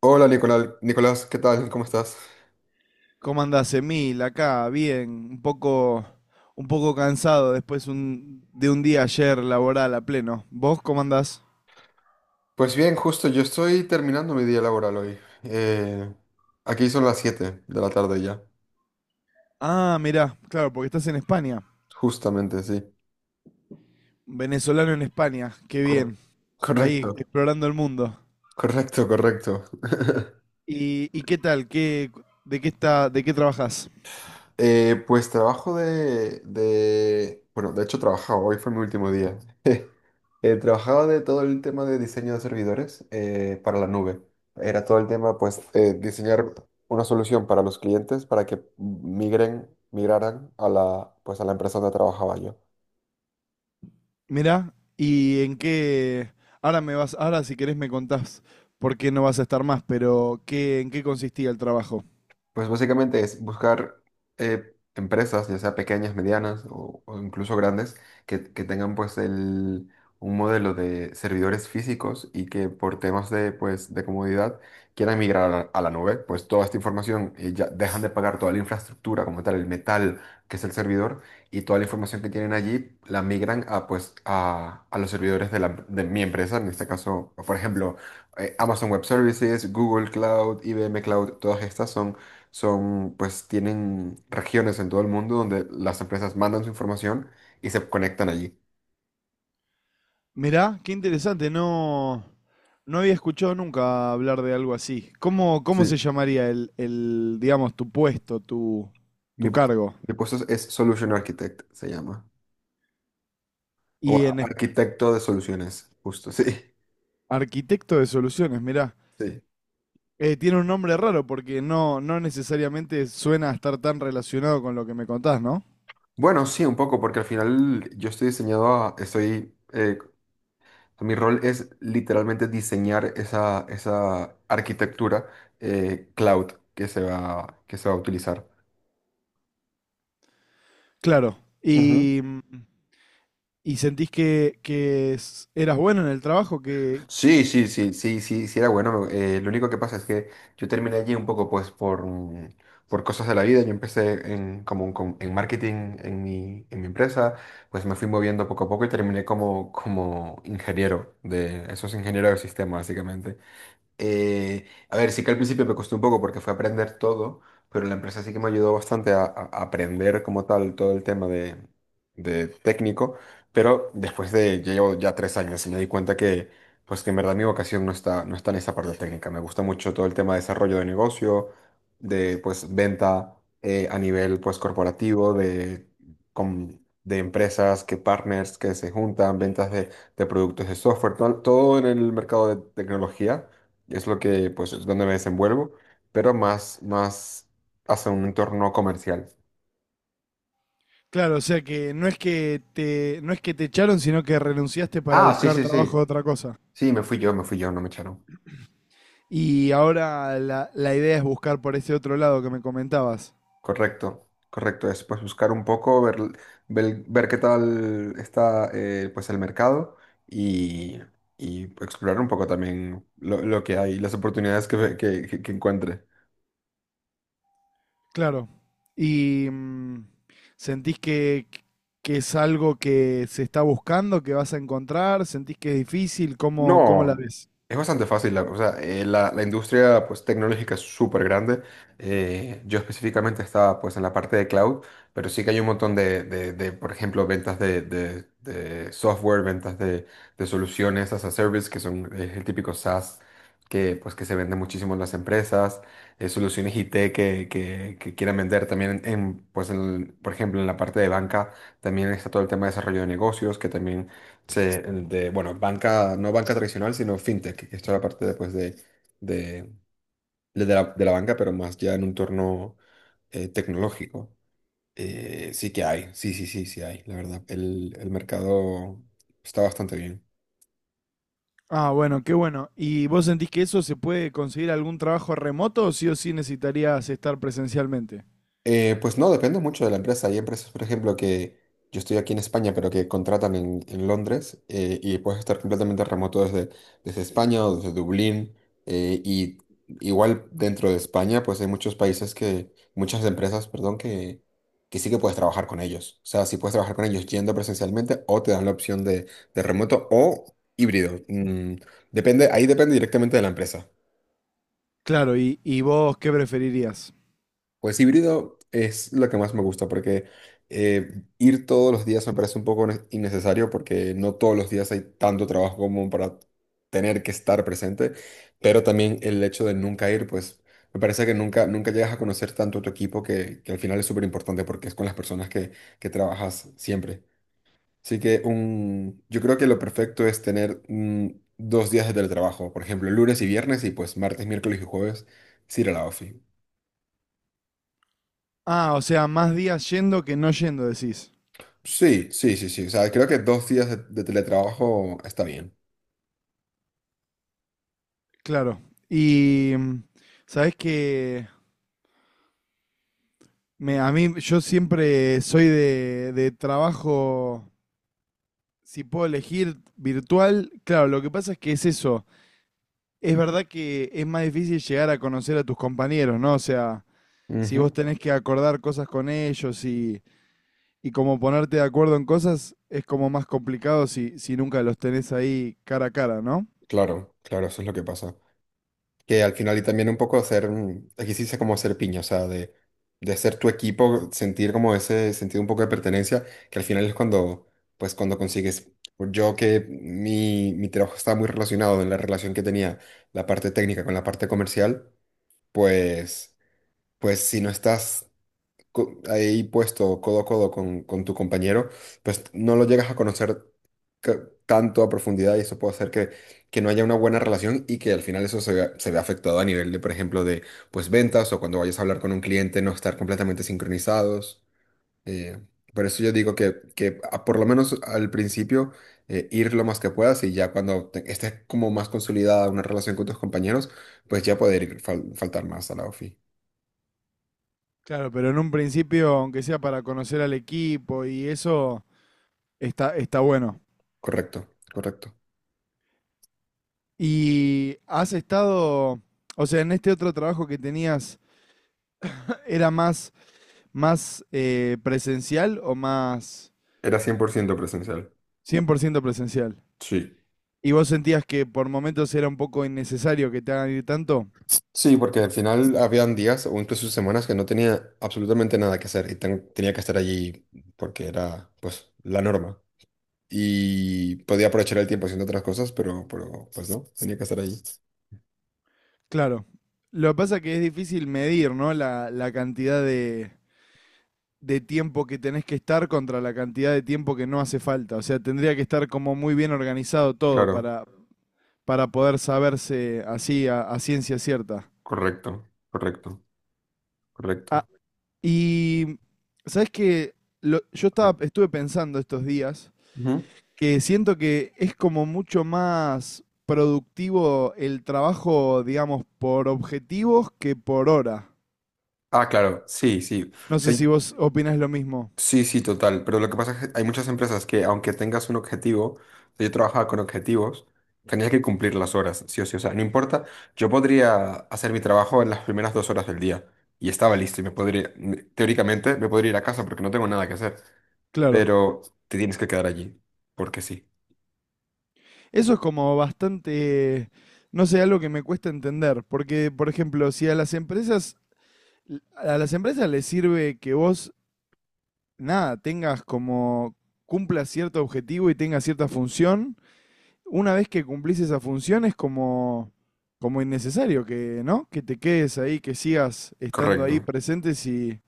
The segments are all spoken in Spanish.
Hola Nicolás, Nicolás, ¿qué tal? ¿Cómo estás? ¿Cómo andás, Emil? Acá, bien, un poco cansado después de un día ayer laboral a pleno. ¿Vos cómo andás? Pues bien, justo yo estoy terminando mi día laboral hoy. Eh, Aquí son las 7 de la tarde ya, Ah, mirá, claro, porque estás en España. justamente, sí. Venezolano en España, qué Cor- bien. Ahí, correcto, explorando el mundo. correcto, correcto. ¿Y qué tal? ¿Qué, de qué está, de qué trabajás? Pues trabajo Bueno, de hecho trabajaba, hoy fue mi último día. Trabajaba de todo el tema de diseño de servidores para la nube. Era todo el tema, pues, diseñar una solución para los clientes para que migraran a la, pues, a la empresa donde trabajaba yo. Mirá, ¿ en qué? Ahora si querés me contás por qué no vas a estar más, pero ¿ en qué consistía el trabajo? Pues básicamente es buscar empresas, ya sea pequeñas, medianas o incluso grandes, que tengan pues un modelo de servidores físicos y que por temas de, pues, de comodidad quieran migrar a la nube. Pues toda esta información ya dejan de pagar toda la infraestructura como tal, el metal que es el servidor y toda la información que tienen allí la migran a, pues, a los servidores de, la, de mi empresa, en este caso, por ejemplo, Amazon Web Services, Google Cloud, IBM Cloud, todas estas son pues tienen regiones en todo el mundo donde las empresas mandan su información y se conectan allí. Mirá, qué interesante, no, no había escuchado nunca hablar de algo así. ¿Cómo, cómo Sí. se llamaría el, digamos, tu puesto, tu, Mi tu puesto, cargo? mi puesto es Solution Architect, se llama. O Y en es- arquitecto de soluciones, justo, sí. Arquitecto de soluciones, mirá. Sí, Tiene un nombre raro porque no, no necesariamente suena a estar tan relacionado con lo que me contás, ¿no? bueno, sí, un poco, porque al final yo estoy estoy, mi rol es literalmente diseñar esa, esa arquitectura cloud que se va a utilizar. Claro. Y, y sentís que, eras bueno en el trabajo, que, Sí, era bueno. Lo único que pasa es que yo terminé allí un poco, pues, por cosas de la vida. Yo empecé como en marketing en mi empresa, pues me fui moviendo poco a poco y terminé como, como ingeniero de esos ingenieros de sistemas, básicamente. A ver, sí que al principio me costó un poco porque fue aprender todo, pero la empresa sí que me ayudó bastante a aprender como tal todo el tema de técnico, pero después de, yo llevo ya tres años y me di cuenta que, pues que en verdad mi vocación no está, no está en esa parte técnica. Me gusta mucho todo el tema de desarrollo de negocio, de pues venta a nivel pues corporativo, de, com- de empresas, que partners que se juntan, ventas de productos de software, todo en el mercado de tecnología. Es lo que, pues, es donde me desenvuelvo, pero más, más hacia un entorno comercial. claro, o sea que no es que te echaron, sino que renunciaste para Ah, sí, buscar sí, trabajo sí. de otra cosa. Sí, me fui yo, no me echaron. Y ahora la idea es buscar por ese otro lado que me comentabas. Correcto, correcto. Es, pues, buscar un poco, ver, ver, ver qué tal está, pues, el mercado y, y explorar un poco también lo que hay, las oportunidades que encuentre. Claro. ¿Y sentís que es algo que se está buscando, que vas a encontrar? ¿Sentís que es difícil? ¿Cómo, cómo la No, ves? es bastante fácil. O sea, la, la industria pues, tecnológica es súper grande. Yo específicamente estaba pues, en la parte de cloud, pero sí que hay un montón de, de, por ejemplo, ventas de, de software, ventas de soluciones as a service, que son el típico SaaS que, pues, que se vende muchísimo en las empresas, soluciones IT que quieran vender también, en, pues, por ejemplo, en la parte de banca. También está todo el tema de desarrollo de negocios, que también sí, el de, bueno, banca, no banca tradicional, sino fintech, que es toda la parte después de, de la banca, pero más ya en un torno tecnológico. Sí que hay, sí, sí, sí, sí hay, la verdad. El mercado está bastante bien. Ah, bueno, qué bueno. ¿Y vos sentís que eso se puede conseguir algún trabajo remoto o sí necesitarías estar presencialmente? Pues no, depende mucho de la empresa. Hay empresas, por ejemplo, que yo estoy aquí en España, pero que contratan en Londres y puedes estar completamente remoto desde, desde España o desde Dublín. Y igual dentro de España, pues hay muchos países que, muchas empresas, perdón, que sí que puedes trabajar con ellos. O sea, sí puedes trabajar con ellos yendo presencialmente o te dan la opción de remoto o híbrido. Depende, ahí depende directamente de la empresa. Claro, ¿y vos qué preferirías? Pues híbrido es lo que más me gusta porque ir todos los días me parece un poco innecesario porque no todos los días hay tanto trabajo como para tener que estar presente, pero también el hecho de nunca ir, pues me parece que nunca, nunca llegas a conocer tanto a tu equipo que al final es súper importante porque es con las personas que trabajas siempre. Así que un, yo creo que lo perfecto es tener dos días de teletrabajo, por ejemplo, lunes y viernes y pues martes, miércoles y jueves, sí ir a la ofi. Ah, o sea, más días yendo que no yendo, decís. Sí, sí, sí, sí. O sea, creo que dos días de teletrabajo está bien. Claro. Y sabés que a mí, yo siempre soy de trabajo, si puedo elegir virtual, claro, lo que pasa es que es eso. Es verdad que es más difícil llegar a conocer a tus compañeros, ¿no? O sea, si vos Ujú. tenés que acordar cosas con ellos y como ponerte de acuerdo en cosas, es como más complicado si, si nunca los tenés ahí cara a cara, ¿no? Claro, claro, eso es lo que pasa. Que al final y también un poco hacer, aquí sí dice como hacer piña, o sea, de hacer tu equipo, sentir como ese sentido un poco de pertenencia, que al final es cuando, pues cuando consigues, yo que mi trabajo estaba muy relacionado en la relación que tenía la parte técnica con la parte comercial, pues, pues si no estás ahí puesto codo a codo con tu compañero, pues no lo llegas a conocer tanto a profundidad y eso puede hacer que no haya una buena relación y que al final eso se vea afectado a nivel de, por ejemplo, de pues ventas o cuando vayas a hablar con un cliente no estar completamente sincronizados. eh, por eso yo digo que, que por lo menos al principio ir lo más que puedas y ya cuando estés como más consolidada una relación con tus compañeros, pues ya poder ir faltar más a la ofi. Claro, pero en un principio, aunque sea para conocer al equipo y eso, está, está bueno. Correcto, correcto. Y has estado, o sea, en este otro trabajo que tenías, ¿era más, más presencial o más Era 100% presencial. 100% presencial? Sí. ¿Y vos sentías que por momentos era un poco innecesario que te hagan ir tanto? Sí, porque al final habían días o incluso semanas que no tenía absolutamente nada que hacer y tenía que estar allí porque era, pues, la norma. Y podía aprovechar el tiempo haciendo otras cosas, pero pues no, tenía que estar allí. Claro. Lo que pasa es que es difícil medir, ¿no? La cantidad de tiempo que tenés que estar contra la cantidad de tiempo que no hace falta. O sea, tendría que estar como muy bien organizado todo Claro, para poder saberse así a ciencia cierta. correcto, correcto, ¿Ha- correcto. Y sabes que yo estuve pensando estos días Ujú. que siento que es como mucho más productivo el trabajo, digamos, por objetivos que por hora. Ah, claro, sí, sí. No sé si vos opinás lo mismo. Sí, sí, total. Pero lo que pasa es que hay muchas empresas que, aunque tengas un objetivo, yo trabajaba con objetivos, tenías que cumplir las horas, sí o sí. O sea, no importa, yo podría hacer mi trabajo en las primeras dos horas del día y estaba listo y me podría, teóricamente, me podría ir a casa porque no tengo nada que hacer. Claro. Pero te tienes que quedar allí, porque sí. Eso es como bastante, no sé, algo que me cuesta entender, porque, por ejemplo, si a las empresas, a las empresas les sirve que vos, nada, tengas como, cumpla cierto objetivo y tenga cierta función, una vez que cumplís esa función es como, como innecesario que, ¿no? Que te quedes ahí, que sigas estando Correcto. ahí presentes y,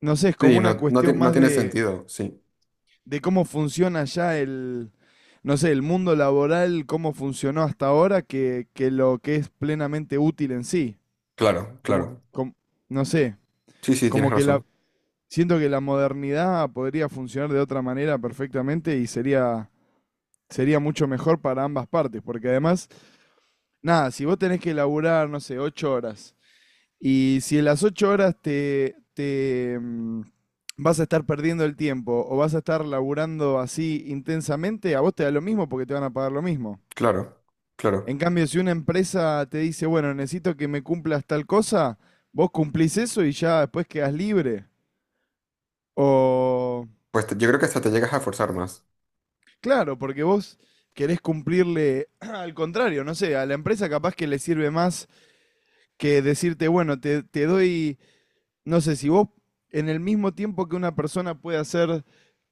no sé, es como Sí, una no, no, cuestión no más tiene sentido, sí. de cómo funciona ya el, no sé, el mundo laboral, cómo funcionó hasta ahora, que lo que es plenamente útil en sí. Claro, Como, claro. com- no sé, Sí, sí, tienes como que la, razón. siento que la modernidad podría funcionar de otra manera perfectamente y sería, sería mucho mejor para ambas partes, porque además nada, si vos tenés que laburar, no sé, 8 horas, y si en las 8 horas te, te vas a estar perdiendo el tiempo o vas a estar laburando así intensamente, a vos te da lo mismo porque te van a pagar lo mismo. Claro, En claro. cambio, si una empresa te dice, bueno, necesito que me cumplas tal cosa, vos cumplís eso y ya después quedás libre. O, Yo creo que hasta te llegas a forzar más. claro, porque vos querés cumplirle al contrario, no sé, a la empresa capaz que le sirve más que decirte, bueno, te doy no sé, si vos en el mismo tiempo que una persona puede hacer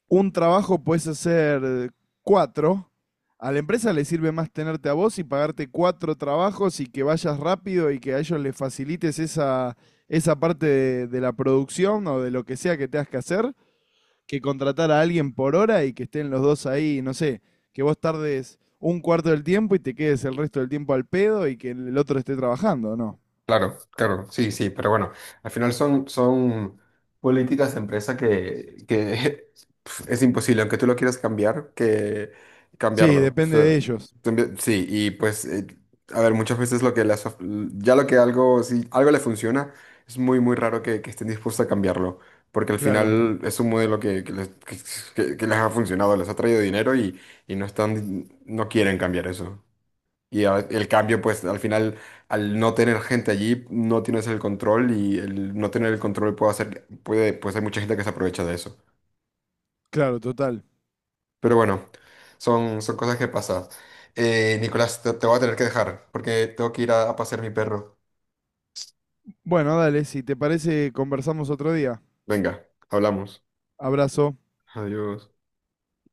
un trabajo, puedes hacer cuatro. A la empresa le sirve más tenerte a vos y pagarte cuatro trabajos y que vayas rápido y que a ellos les facilites esa, esa parte de la producción o de lo que sea que tengas que hacer, que contratar a alguien por hora y que estén los dos ahí, no sé, que vos tardes un cuarto del tiempo y te quedes el resto del tiempo al pedo y que el otro esté trabajando, ¿no? Claro, claro, sí, sí, pero bueno, al final son, son políticas de empresa que es imposible, aunque tú lo quieras cambiar, que Sí, cambiarlo. O depende sea, de ellos. Sí, y pues, a ver, muchas veces lo que ya lo que algo, si algo le funciona, es muy, muy raro que estén dispuestos a cambiarlo, porque al Claro, final es un modelo que, que les ha funcionado, les ha traído dinero y no están, no quieren cambiar eso. Y el cambio, pues al final, al no tener gente allí, no tienes el control y el no tener el control puede hacer, puede, pues hay mucha gente que se aprovecha de eso. claro, total. Pero bueno, son, son cosas que pasan. Nicolás, te voy a tener que dejar porque tengo que ir a pasear mi perro. Bueno, dale, si te parece, conversamos otro día. Venga, hablamos. Abrazo. Adiós.